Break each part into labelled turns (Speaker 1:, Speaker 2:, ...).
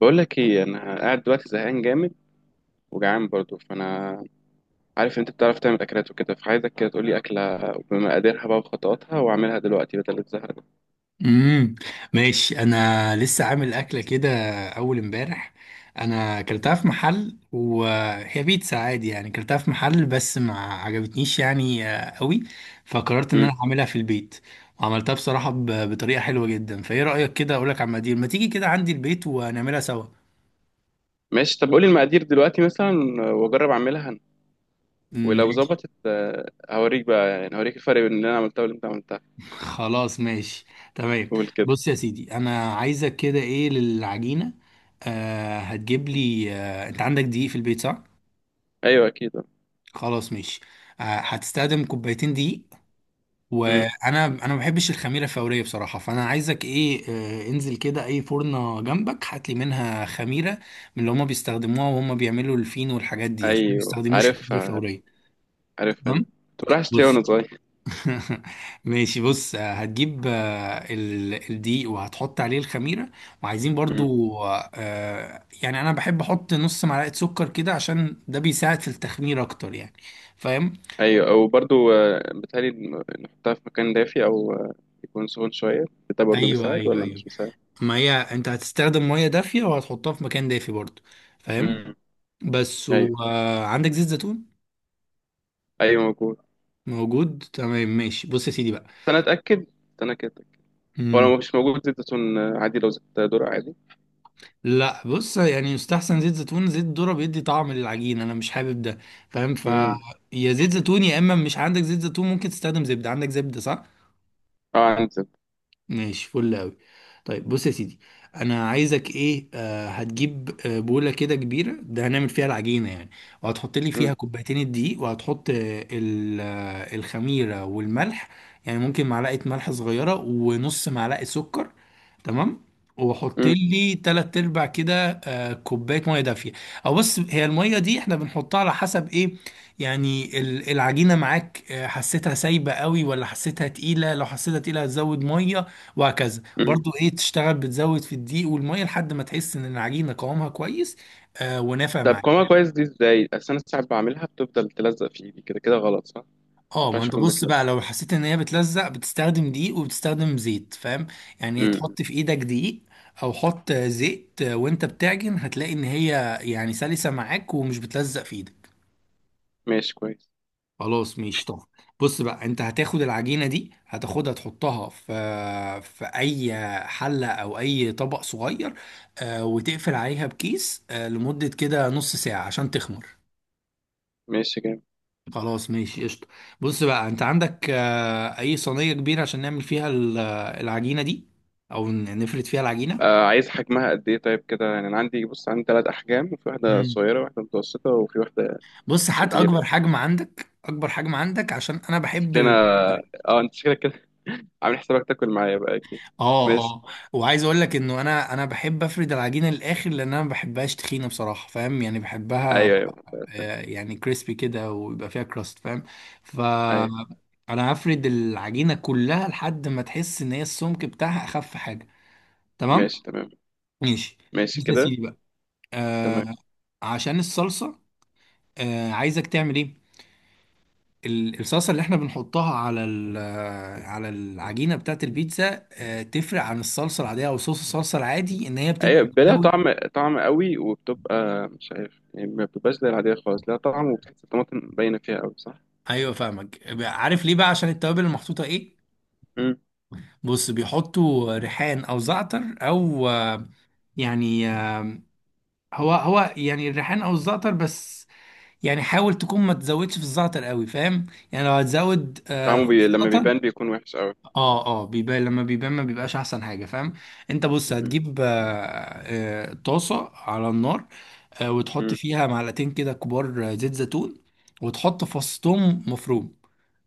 Speaker 1: بقول لك ايه، انا قاعد دلوقتي زهقان جامد، وجعان برضو، فانا عارف إن انت بتعرف تعمل اكلات وكده، فعايزك كده تقول لي اكله بمقاديرها بقى وخطواتها، واعملها دلوقتي بدل الزهق ده.
Speaker 2: امم ماشي، انا لسه عامل اكله كده، اول امبارح. انا اكلتها في محل وهي بيتزا عادي، يعني اكلتها في محل بس ما عجبتنيش يعني قوي. فقررت ان
Speaker 1: امم،
Speaker 2: انا اعملها في البيت، وعملتها بصراحه بطريقه حلوه جدا. فايه رايك كده؟ اقول لك على المقادير، ما تيجي كده عندي البيت ونعملها سوا.
Speaker 1: ماشي. طب قولي المقادير دلوقتي مثلا، واجرب اعملها أنا. ولو
Speaker 2: ماشي،
Speaker 1: ظبطت هوريك بقى، يعني هوريك الفرق بين اللي انا عملتها واللي انت عملتها.
Speaker 2: خلاص ماشي، تمام.
Speaker 1: قول كده.
Speaker 2: بص يا سيدي، انا عايزك كده ايه للعجينه؟ هتجيب لي، انت عندك دقيق في البيت، صح؟
Speaker 1: ايوه اكيد.
Speaker 2: خلاص ماشي. هتستخدم كوبايتين دقيق.
Speaker 1: امم.
Speaker 2: وانا ما بحبش الخميره الفوريه بصراحه، فانا عايزك ايه؟ انزل كده اي فرنه جنبك، هات لي منها خميره من اللي هما بيستخدموها وهم بيعملوا الفينو والحاجات دي، عشان ما
Speaker 1: ايوه
Speaker 2: يستخدموش الخميره
Speaker 1: عارفها.
Speaker 2: الفوريه.
Speaker 1: عارفها دي.
Speaker 2: تمام.
Speaker 1: كنت بروح اشتريها
Speaker 2: بص.
Speaker 1: وانا صغير.
Speaker 2: ماشي، بص، هتجيب الدقيق وهتحط عليه الخميره. وعايزين برضو، يعني انا بحب احط نص معلقه سكر كده، عشان ده بيساعد في التخمير اكتر يعني. فاهم؟
Speaker 1: ايوه، وبرضو بتهيألي نحطها في مكان دافي او يكون سخن شويه. ده برضو
Speaker 2: ايوه،
Speaker 1: بيساعد
Speaker 2: ايوه،
Speaker 1: ولا
Speaker 2: ايوه.
Speaker 1: مش بيساعد؟
Speaker 2: ما هي انت هتستخدم ميه دافيه وهتحطها في مكان دافي برضو. فاهم؟
Speaker 1: امم.
Speaker 2: بس.
Speaker 1: ايوه،
Speaker 2: وعندك زيت زيتون؟
Speaker 1: ايوه موجود بس.
Speaker 2: موجود، تمام ماشي، بص يا سيدي بقى.
Speaker 1: انا اتاكد. انا كده أتأكد. هو
Speaker 2: مم.
Speaker 1: لو مش موجود زيت زيتون عادي، لو زيت ذرة عادي.
Speaker 2: لا، بص يعني يستحسن زيت زيتون، زيت ذرة بيدي طعم للعجين، انا مش حابب ده. فاهم؟
Speaker 1: امم.
Speaker 2: يا زيت زيتون يا اما مش عندك زيت زيتون ممكن تستخدم زبده. عندك زبده، صح؟
Speaker 1: اه عندي زيت.
Speaker 2: ماشي، فل أوي. طيب بص يا سيدي، انا عايزك ايه، هتجيب بوله كده كبيره، ده هنعمل فيها العجينه يعني. وهتحط لي فيها
Speaker 1: امم
Speaker 2: كوبايتين الدقيق، وهتحط الخميره والملح، يعني ممكن معلقه ملح صغيره، ونص معلقه سكر. تمام. وحط
Speaker 1: امم
Speaker 2: لي تلات ارباع كده كوبايه ميه دافيه. او بص، هي الميه دي احنا بنحطها على حسب ايه؟ يعني العجينه معاك، حسيتها سايبه قوي ولا حسيتها تقيله؟ لو حسيتها تقيله هتزود ميه، وهكذا.
Speaker 1: أمم.
Speaker 2: برضو ايه، تشتغل بتزود في الدقيق والميه لحد ما تحس ان العجينه قوامها كويس. ونافع
Speaker 1: طب
Speaker 2: معاك؟
Speaker 1: قوامها كويس دي ازاي؟ اصل انا ساعات بعملها بتفضل تلزق في ايدي كده كده، غلط صح؟ ما
Speaker 2: اه، ما
Speaker 1: ينفعش
Speaker 2: انت
Speaker 1: تكون
Speaker 2: بص بقى،
Speaker 1: بتلزق.
Speaker 2: لو حسيت ان هي بتلزق بتستخدم دقيق وبتستخدم زيت. فاهم؟ يعني
Speaker 1: امم.
Speaker 2: تحط في ايدك دقيق، او حط زيت وانت بتعجن، هتلاقي ان هي يعني سلسة معاك ومش بتلزق في ايدك.
Speaker 1: ماشي كويس.
Speaker 2: خلاص ماشي، طب بص بقى، انت هتاخد العجينة دي هتاخدها تحطها في اي حلة او اي طبق صغير، وتقفل عليها بكيس لمدة كده نص ساعة عشان تخمر.
Speaker 1: ماشي جامد.
Speaker 2: خلاص ماشي، قشطة. بص بقى، انت عندك اي صينية كبيرة عشان نعمل فيها العجينة دي، او نفرد فيها العجينة.
Speaker 1: عايز حجمها قد ايه طيب؟ كده يعني انا عندي، بص عندي ثلاث احجام، وفي واحده
Speaker 2: مم.
Speaker 1: صغيره وواحده متوسطه وفي واحده
Speaker 2: بص، هات
Speaker 1: كبيرة.
Speaker 2: اكبر حجم عندك، اكبر حجم عندك، عشان انا بحب
Speaker 1: شكلنا، اه انت شكلك كده عامل حسابك تاكل معايا بقى اكيد.
Speaker 2: اه،
Speaker 1: ماشي.
Speaker 2: اه. وعايز اقول لك انه انا بحب افرد العجينة للاخر، لان انا ما بحبهاش تخينة بصراحة. فاهم يعني؟ بحبها
Speaker 1: ايوه ايوه، بقى استنى.
Speaker 2: يعني كريسبي كده ويبقى فيها كراست. فاهم؟ ف
Speaker 1: ايوه.
Speaker 2: انا هفرد العجينة كلها لحد ما تحس ان هي السمك بتاعها اخف حاجة. تمام
Speaker 1: ماشي تمام.
Speaker 2: ماشي،
Speaker 1: ماشي
Speaker 2: بص يا
Speaker 1: كده.
Speaker 2: سيدي بقى، آه
Speaker 1: تمام.
Speaker 2: عشان الصلصه، عايزك تعمل ايه؟ الصلصه اللي احنا بنحطها على على العجينه بتاعت البيتزا تفرق عن الصلصه العاديه، او صوص الصلصه العادي، ان هي بتبقى
Speaker 1: ايوه، لها
Speaker 2: بتساوي.
Speaker 1: طعم، طعم قوي، وبتبقى مش عارف يعني، ما بتبقاش زي العادية خالص، لها طعم، وبتحس الطماطم باينة فيها قوي، صح؟
Speaker 2: ايوه فاهمك، عارف ليه بقى؟ عشان التوابل المحطوطه ايه.
Speaker 1: مم.
Speaker 2: بص بيحطوا ريحان او زعتر او يعني هو هو، يعني الريحان او الزعتر بس. يعني حاول تكون ما تزودش في الزعتر قوي، فاهم؟ يعني لو هتزود
Speaker 1: طعمه
Speaker 2: في
Speaker 1: لما
Speaker 2: الزعتر.
Speaker 1: بيبان بيكون وحش قوي.
Speaker 2: اه، اه، بيبان، لما بيبان ما بيبقاش احسن حاجه. فاهم؟ انت بص،
Speaker 1: مم.
Speaker 2: هتجيب طاسه على النار، وتحط
Speaker 1: مم.
Speaker 2: فيها معلقتين كده كبار زيت زيتون، وتحط فص توم مفروم.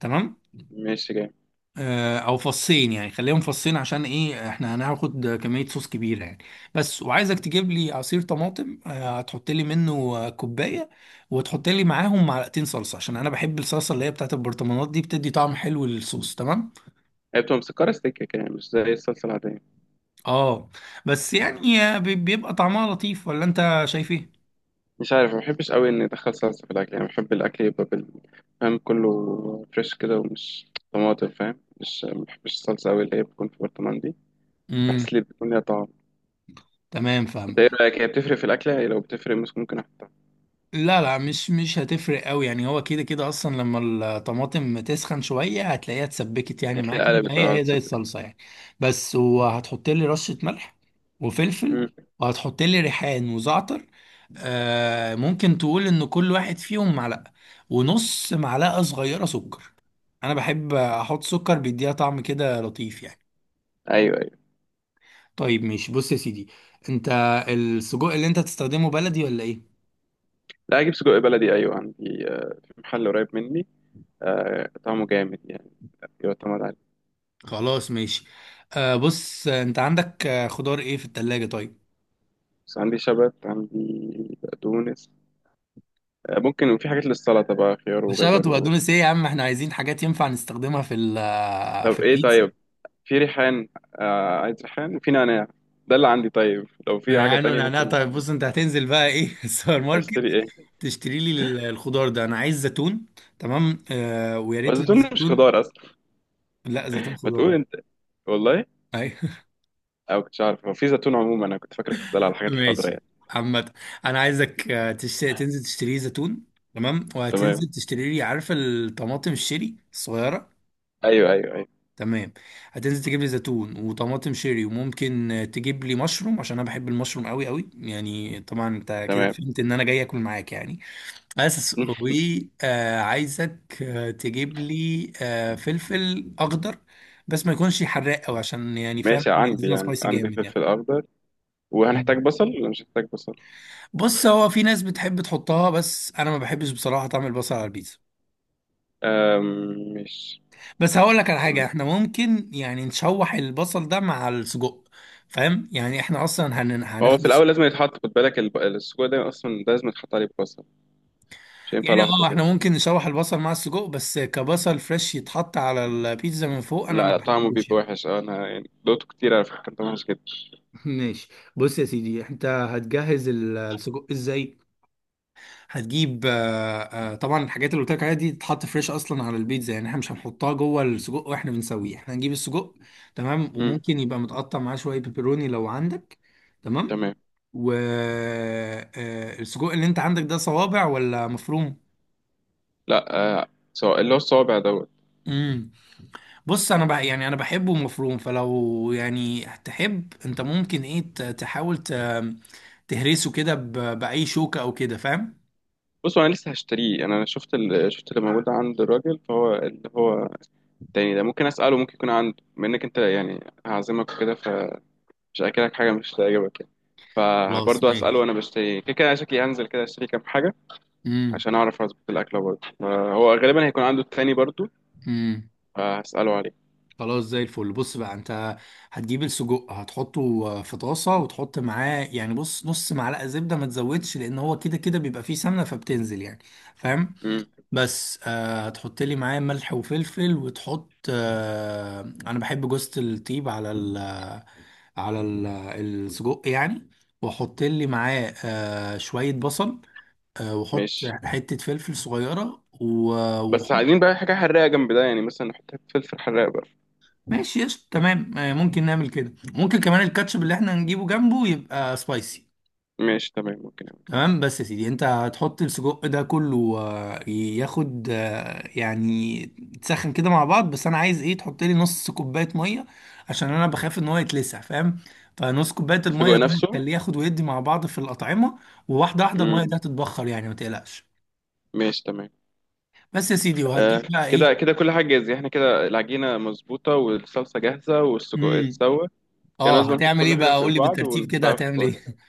Speaker 2: تمام.
Speaker 1: ماشي جامد.
Speaker 2: او فصين، يعني خليهم فصين، عشان ايه؟ احنا هناخد كميه صوص كبيره يعني. بس، وعايزك تجيب لي عصير طماطم، هتحط لي منه كوبايه. وتحط لي معاهم معلقتين صلصه، عشان انا بحب الصلصه اللي هي بتاعت البرطمانات دي، بتدي طعم حلو للصوص. تمام.
Speaker 1: هي بتبقى مسكرة سكة كده، مش زي الصلصة العادية.
Speaker 2: اه، بس يعني بيبقى طعمها لطيف، ولا انت شايف ايه؟
Speaker 1: مش عارف، ما بحبش قوي اني ادخل صلصه في الاكل، يعني بحب الاكل يبقى فاهم، كله فريش كده، طماطم فاهم. مش ما بحبش الصلصه قوي اللي هي بتكون في برطمان دي،
Speaker 2: امم
Speaker 1: بحس لي بتكون ليها طعم.
Speaker 2: تمام، فاهم.
Speaker 1: انت ايه رايك، هي بتفرق في الاكله؟ هي لو بتفرق مش ممكن احطها.
Speaker 2: لا، لا، مش هتفرق قوي يعني، هو كده كده اصلا، لما الطماطم تسخن شويه هتلاقيها اتسبكت يعني معاك،
Speaker 1: هتلاقيها
Speaker 2: يبقى
Speaker 1: قلبت،
Speaker 2: هي
Speaker 1: اه
Speaker 2: هي زي
Speaker 1: تصدق كده.
Speaker 2: الصلصه يعني. بس، وهتحط لي رشه ملح وفلفل،
Speaker 1: امم.
Speaker 2: وهتحط لي ريحان وزعتر. ممكن تقول ان كل واحد فيهم معلقه، ونص معلقه صغيره سكر. انا بحب احط سكر، بيديها طعم كده لطيف يعني.
Speaker 1: ايوه ايوه.
Speaker 2: طيب ماشي، بص يا سيدي، انت السجق اللي انت تستخدمه بلدي ولا ايه؟
Speaker 1: لا، اجيب سجق بلدي ايوه، عندي في محل قريب مني. طعمه جامد يعني، يعتمد عليه.
Speaker 2: خلاص ماشي. بص، انت عندك خضار ايه في التلاجة؟ طيب.
Speaker 1: بس عندي شبت، عندي بقدونس ممكن. وفي حاجات للسلطه بقى، خيار
Speaker 2: شبت
Speaker 1: وجزر و...
Speaker 2: وبقدونس ايه يا عم، احنا عايزين حاجات ينفع نستخدمها في في
Speaker 1: طب ايه
Speaker 2: البيتزا.
Speaker 1: طيب؟ في ريحان. آه عايز ريحان، وفي نعناع. ده اللي عندي، طيب لو في حاجة
Speaker 2: ريحان
Speaker 1: تانية
Speaker 2: ونعناع؟
Speaker 1: ممكن
Speaker 2: طيب
Speaker 1: اشتري.
Speaker 2: بص، انت هتنزل بقى ايه السوبر ماركت،
Speaker 1: اشتري ايه.
Speaker 2: تشتري لي الخضار ده، انا عايز زيتون. تمام، ويا ريت لو
Speaker 1: والزيتون مش
Speaker 2: زيتون.
Speaker 1: خضار اصلا.
Speaker 2: لا، زيتون
Speaker 1: ما تقول
Speaker 2: خضار.
Speaker 1: انت. والله. او كنتش عارف، هو في زيتون عموما، انا كنت فاكرك بتسأل على الحاجات الخضراء
Speaker 2: ماشي،
Speaker 1: يعني.
Speaker 2: عامة انا عايزك تنزل تشتري لي زيتون. تمام،
Speaker 1: تمام.
Speaker 2: وهتنزل تشتري لي، عارفة الطماطم الشيري الصغيرة؟
Speaker 1: ايوه ايوه ايوه.
Speaker 2: تمام. هتنزل تجيب لي زيتون وطماطم شيري، وممكن تجيب لي مشروم، عشان انا بحب المشروم قوي قوي يعني، طبعا انت كده
Speaker 1: تمام.
Speaker 2: فهمت ان انا جاي اكل معاك يعني. بس، وعايزك تجيب لي فلفل اخضر، بس ما يكونش حراق قوي، عشان يعني فاهم،
Speaker 1: ماشي،
Speaker 2: مش
Speaker 1: عندي
Speaker 2: عايزينها
Speaker 1: يعني،
Speaker 2: سبايسي
Speaker 1: عندي
Speaker 2: جامد.
Speaker 1: فلفل اخضر.
Speaker 2: يعني
Speaker 1: وهنحتاج بصل ولا مش هنحتاج بصل؟
Speaker 2: بص، هو في ناس بتحب تحطها، بس انا ما بحبش بصراحه طعم البصل على البيتزا.
Speaker 1: أم مش.
Speaker 2: بس هقول لك على حاجه،
Speaker 1: تمام.
Speaker 2: احنا ممكن يعني نشوح البصل ده مع السجق، فاهم؟ يعني احنا اصلا
Speaker 1: هو
Speaker 2: هناخد
Speaker 1: في الاول
Speaker 2: السجق.
Speaker 1: لازم يتحط، خد بالك السجق ده اصلا، ده لازم يتحط عليه بصل، مش هينفع
Speaker 2: يعني
Speaker 1: لوحده
Speaker 2: اه، احنا
Speaker 1: كده.
Speaker 2: ممكن نشوح البصل مع السجق، بس كبصل فريش يتحط على البيتزا من فوق انا
Speaker 1: لا
Speaker 2: ما
Speaker 1: لا، طعمه
Speaker 2: بحبوش
Speaker 1: بيبقى
Speaker 2: يعني.
Speaker 1: وحش. انا يعني دوقته كتير على فكره، كان طعمه وحش جدا.
Speaker 2: ماشي، بص يا سيدي، انت هتجهز السجق ازاي؟ هتجيب طبعا الحاجات اللي قلت لك عليها دي تتحط فريش اصلا على البيتزا، يعني احنا مش هنحطها جوه السجق واحنا بنسويه، احنا هنجيب السجق. تمام، وممكن يبقى متقطع معاه شويه بيبروني لو عندك. تمام.
Speaker 1: تمام.
Speaker 2: والسجق اللي انت عندك ده صوابع ولا مفروم؟
Speaker 1: لا. سواء اللي هو الصوابع دوت.
Speaker 2: امم بص، انا بقى يعني انا بحبه مفروم، فلو يعني تحب انت ممكن ايه تحاول تهرسه كده باي شوكه او كده، فاهم؟
Speaker 1: بص، انا لسه هشتريه. أنا شفت شفت اللي موجود عند الراجل، فهو اللي هو التاني ده ممكن اساله، ممكن يكون عنده. بما انك انت يعني هعزمك وكده، فمش هاكلك حاجه مش هتعجبك يعني.
Speaker 2: خلاص
Speaker 1: فبرضه اساله.
Speaker 2: ماشي.
Speaker 1: انا بشتري كده كده، أنا شكلي هنزل كده اشتري كام حاجه عشان اعرف اظبط الاكله برضه. هو غالبا هيكون عنده التاني برضه،
Speaker 2: امم
Speaker 1: فهساله عليه.
Speaker 2: خلاص زي الفل. بص بقى، انت هتجيب السجق هتحطه في طاسة، وتحط معاه يعني بص نص معلقة زبدة، ما تزودش، لان هو كده كده بيبقى فيه سمنة فبتنزل يعني، فاهم؟
Speaker 1: امم.
Speaker 2: بس هتحط لي معاه ملح وفلفل، وتحط انا بحب جوزة الطيب على السجق يعني. واحط لي معاه شوية بصل، واحط
Speaker 1: ماشي.
Speaker 2: حتة فلفل صغيرة
Speaker 1: بس
Speaker 2: واحط.
Speaker 1: عايزين بقى حاجه حراقه جنب ده، يعني مثلا نحط فلفل حراق بقى.
Speaker 2: ماشي، يس تمام، ممكن نعمل كده، ممكن كمان الكاتشب اللي احنا هنجيبه جنبه يبقى سبايسي.
Speaker 1: ماشي تمام ممكن.
Speaker 2: تمام. بس يا سيدي، انت هتحط السجق ده كله ياخد، يعني تسخن كده مع بعض، بس انا عايز ايه، تحط لي نص كوبايه ميه، عشان انا بخاف ان هو يتلسع، فاهم؟ فنص كوبايه
Speaker 1: السجق
Speaker 2: الميه دي
Speaker 1: نفسه.
Speaker 2: هتخليه ياخد ويدي مع بعض في الاطعمه، وواحده واحده الميه
Speaker 1: امم.
Speaker 2: دي هتتبخر يعني ما تقلقش.
Speaker 1: ماشي تمام.
Speaker 2: بس يا سيدي وهتجيب
Speaker 1: آه
Speaker 2: بقى
Speaker 1: كده
Speaker 2: ايه؟
Speaker 1: كده كل حاجة جاهزة. احنا كده العجينة مظبوطة، والصلصة جاهزة، والسجق
Speaker 2: امم
Speaker 1: اتسوى. يعني
Speaker 2: اه،
Speaker 1: لازم نحط
Speaker 2: هتعمل ايه
Speaker 1: كل حاجة
Speaker 2: بقى، قول
Speaker 1: فوق
Speaker 2: لي
Speaker 1: بعض
Speaker 2: بالترتيب كده
Speaker 1: ونحطها في
Speaker 2: هتعمل ايه؟
Speaker 1: الفرن؟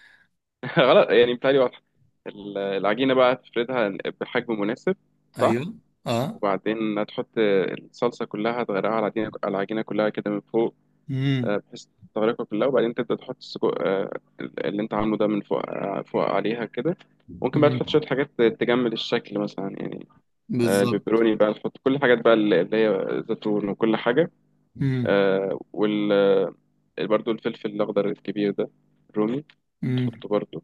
Speaker 1: غلط، يعني بتهيألي واضحة. العجينة بقى تفردها بحجم مناسب، صح؟
Speaker 2: ايوه، اه.
Speaker 1: وبعدين هتحط الصلصة كلها، تغرقها على العجينة، على العجينة كلها كده من فوق،
Speaker 2: امم
Speaker 1: بحيث تغرقها كلها. وبعدين تبدأ تحط السجق اللي انت عامله ده من فوق، فوق عليها كده. ممكن بقى تحط
Speaker 2: مم.
Speaker 1: شوية حاجات تجمل الشكل مثلا يعني،
Speaker 2: بالظبط.
Speaker 1: البيبروني بقى، نحط كل الحاجات بقى اللي هي زيتون وكل حاجة.
Speaker 2: مم.
Speaker 1: آه، وال آه، برضو الفلفل الأخضر الكبير ده، الرومي،
Speaker 2: مم.
Speaker 1: تحطه برضو،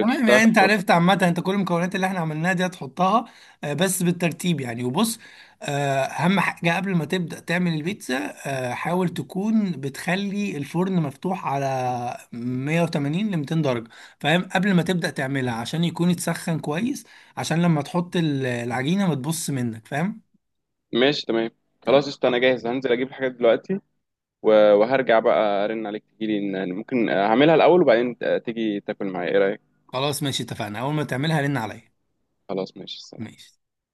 Speaker 2: تمام، يعني
Speaker 1: في
Speaker 2: انت
Speaker 1: الفرن.
Speaker 2: عرفت عامة، انت كل المكونات اللي احنا عملناها دي هتحطها بس بالترتيب يعني. وبص، اهم حاجة قبل ما تبدأ تعمل البيتزا، حاول تكون بتخلي الفرن مفتوح على 180 ل 200 درجة، فاهم؟ قبل ما تبدأ تعملها عشان يكون يتسخن كويس، عشان لما تحط العجينة ما تبص منك. فاهم؟
Speaker 1: ماشي تمام. خلاص قشطة، أنا جاهز. هنزل أجيب الحاجات دلوقتي وهرجع بقى أرن عليك تجيلي. ممكن هعملها الأول وبعدين تيجي تاكل معايا، إيه رأيك؟
Speaker 2: خلاص ماشي، اتفقنا، اول ما تعملها رن عليا.
Speaker 1: خلاص ماشي.
Speaker 2: ماشي.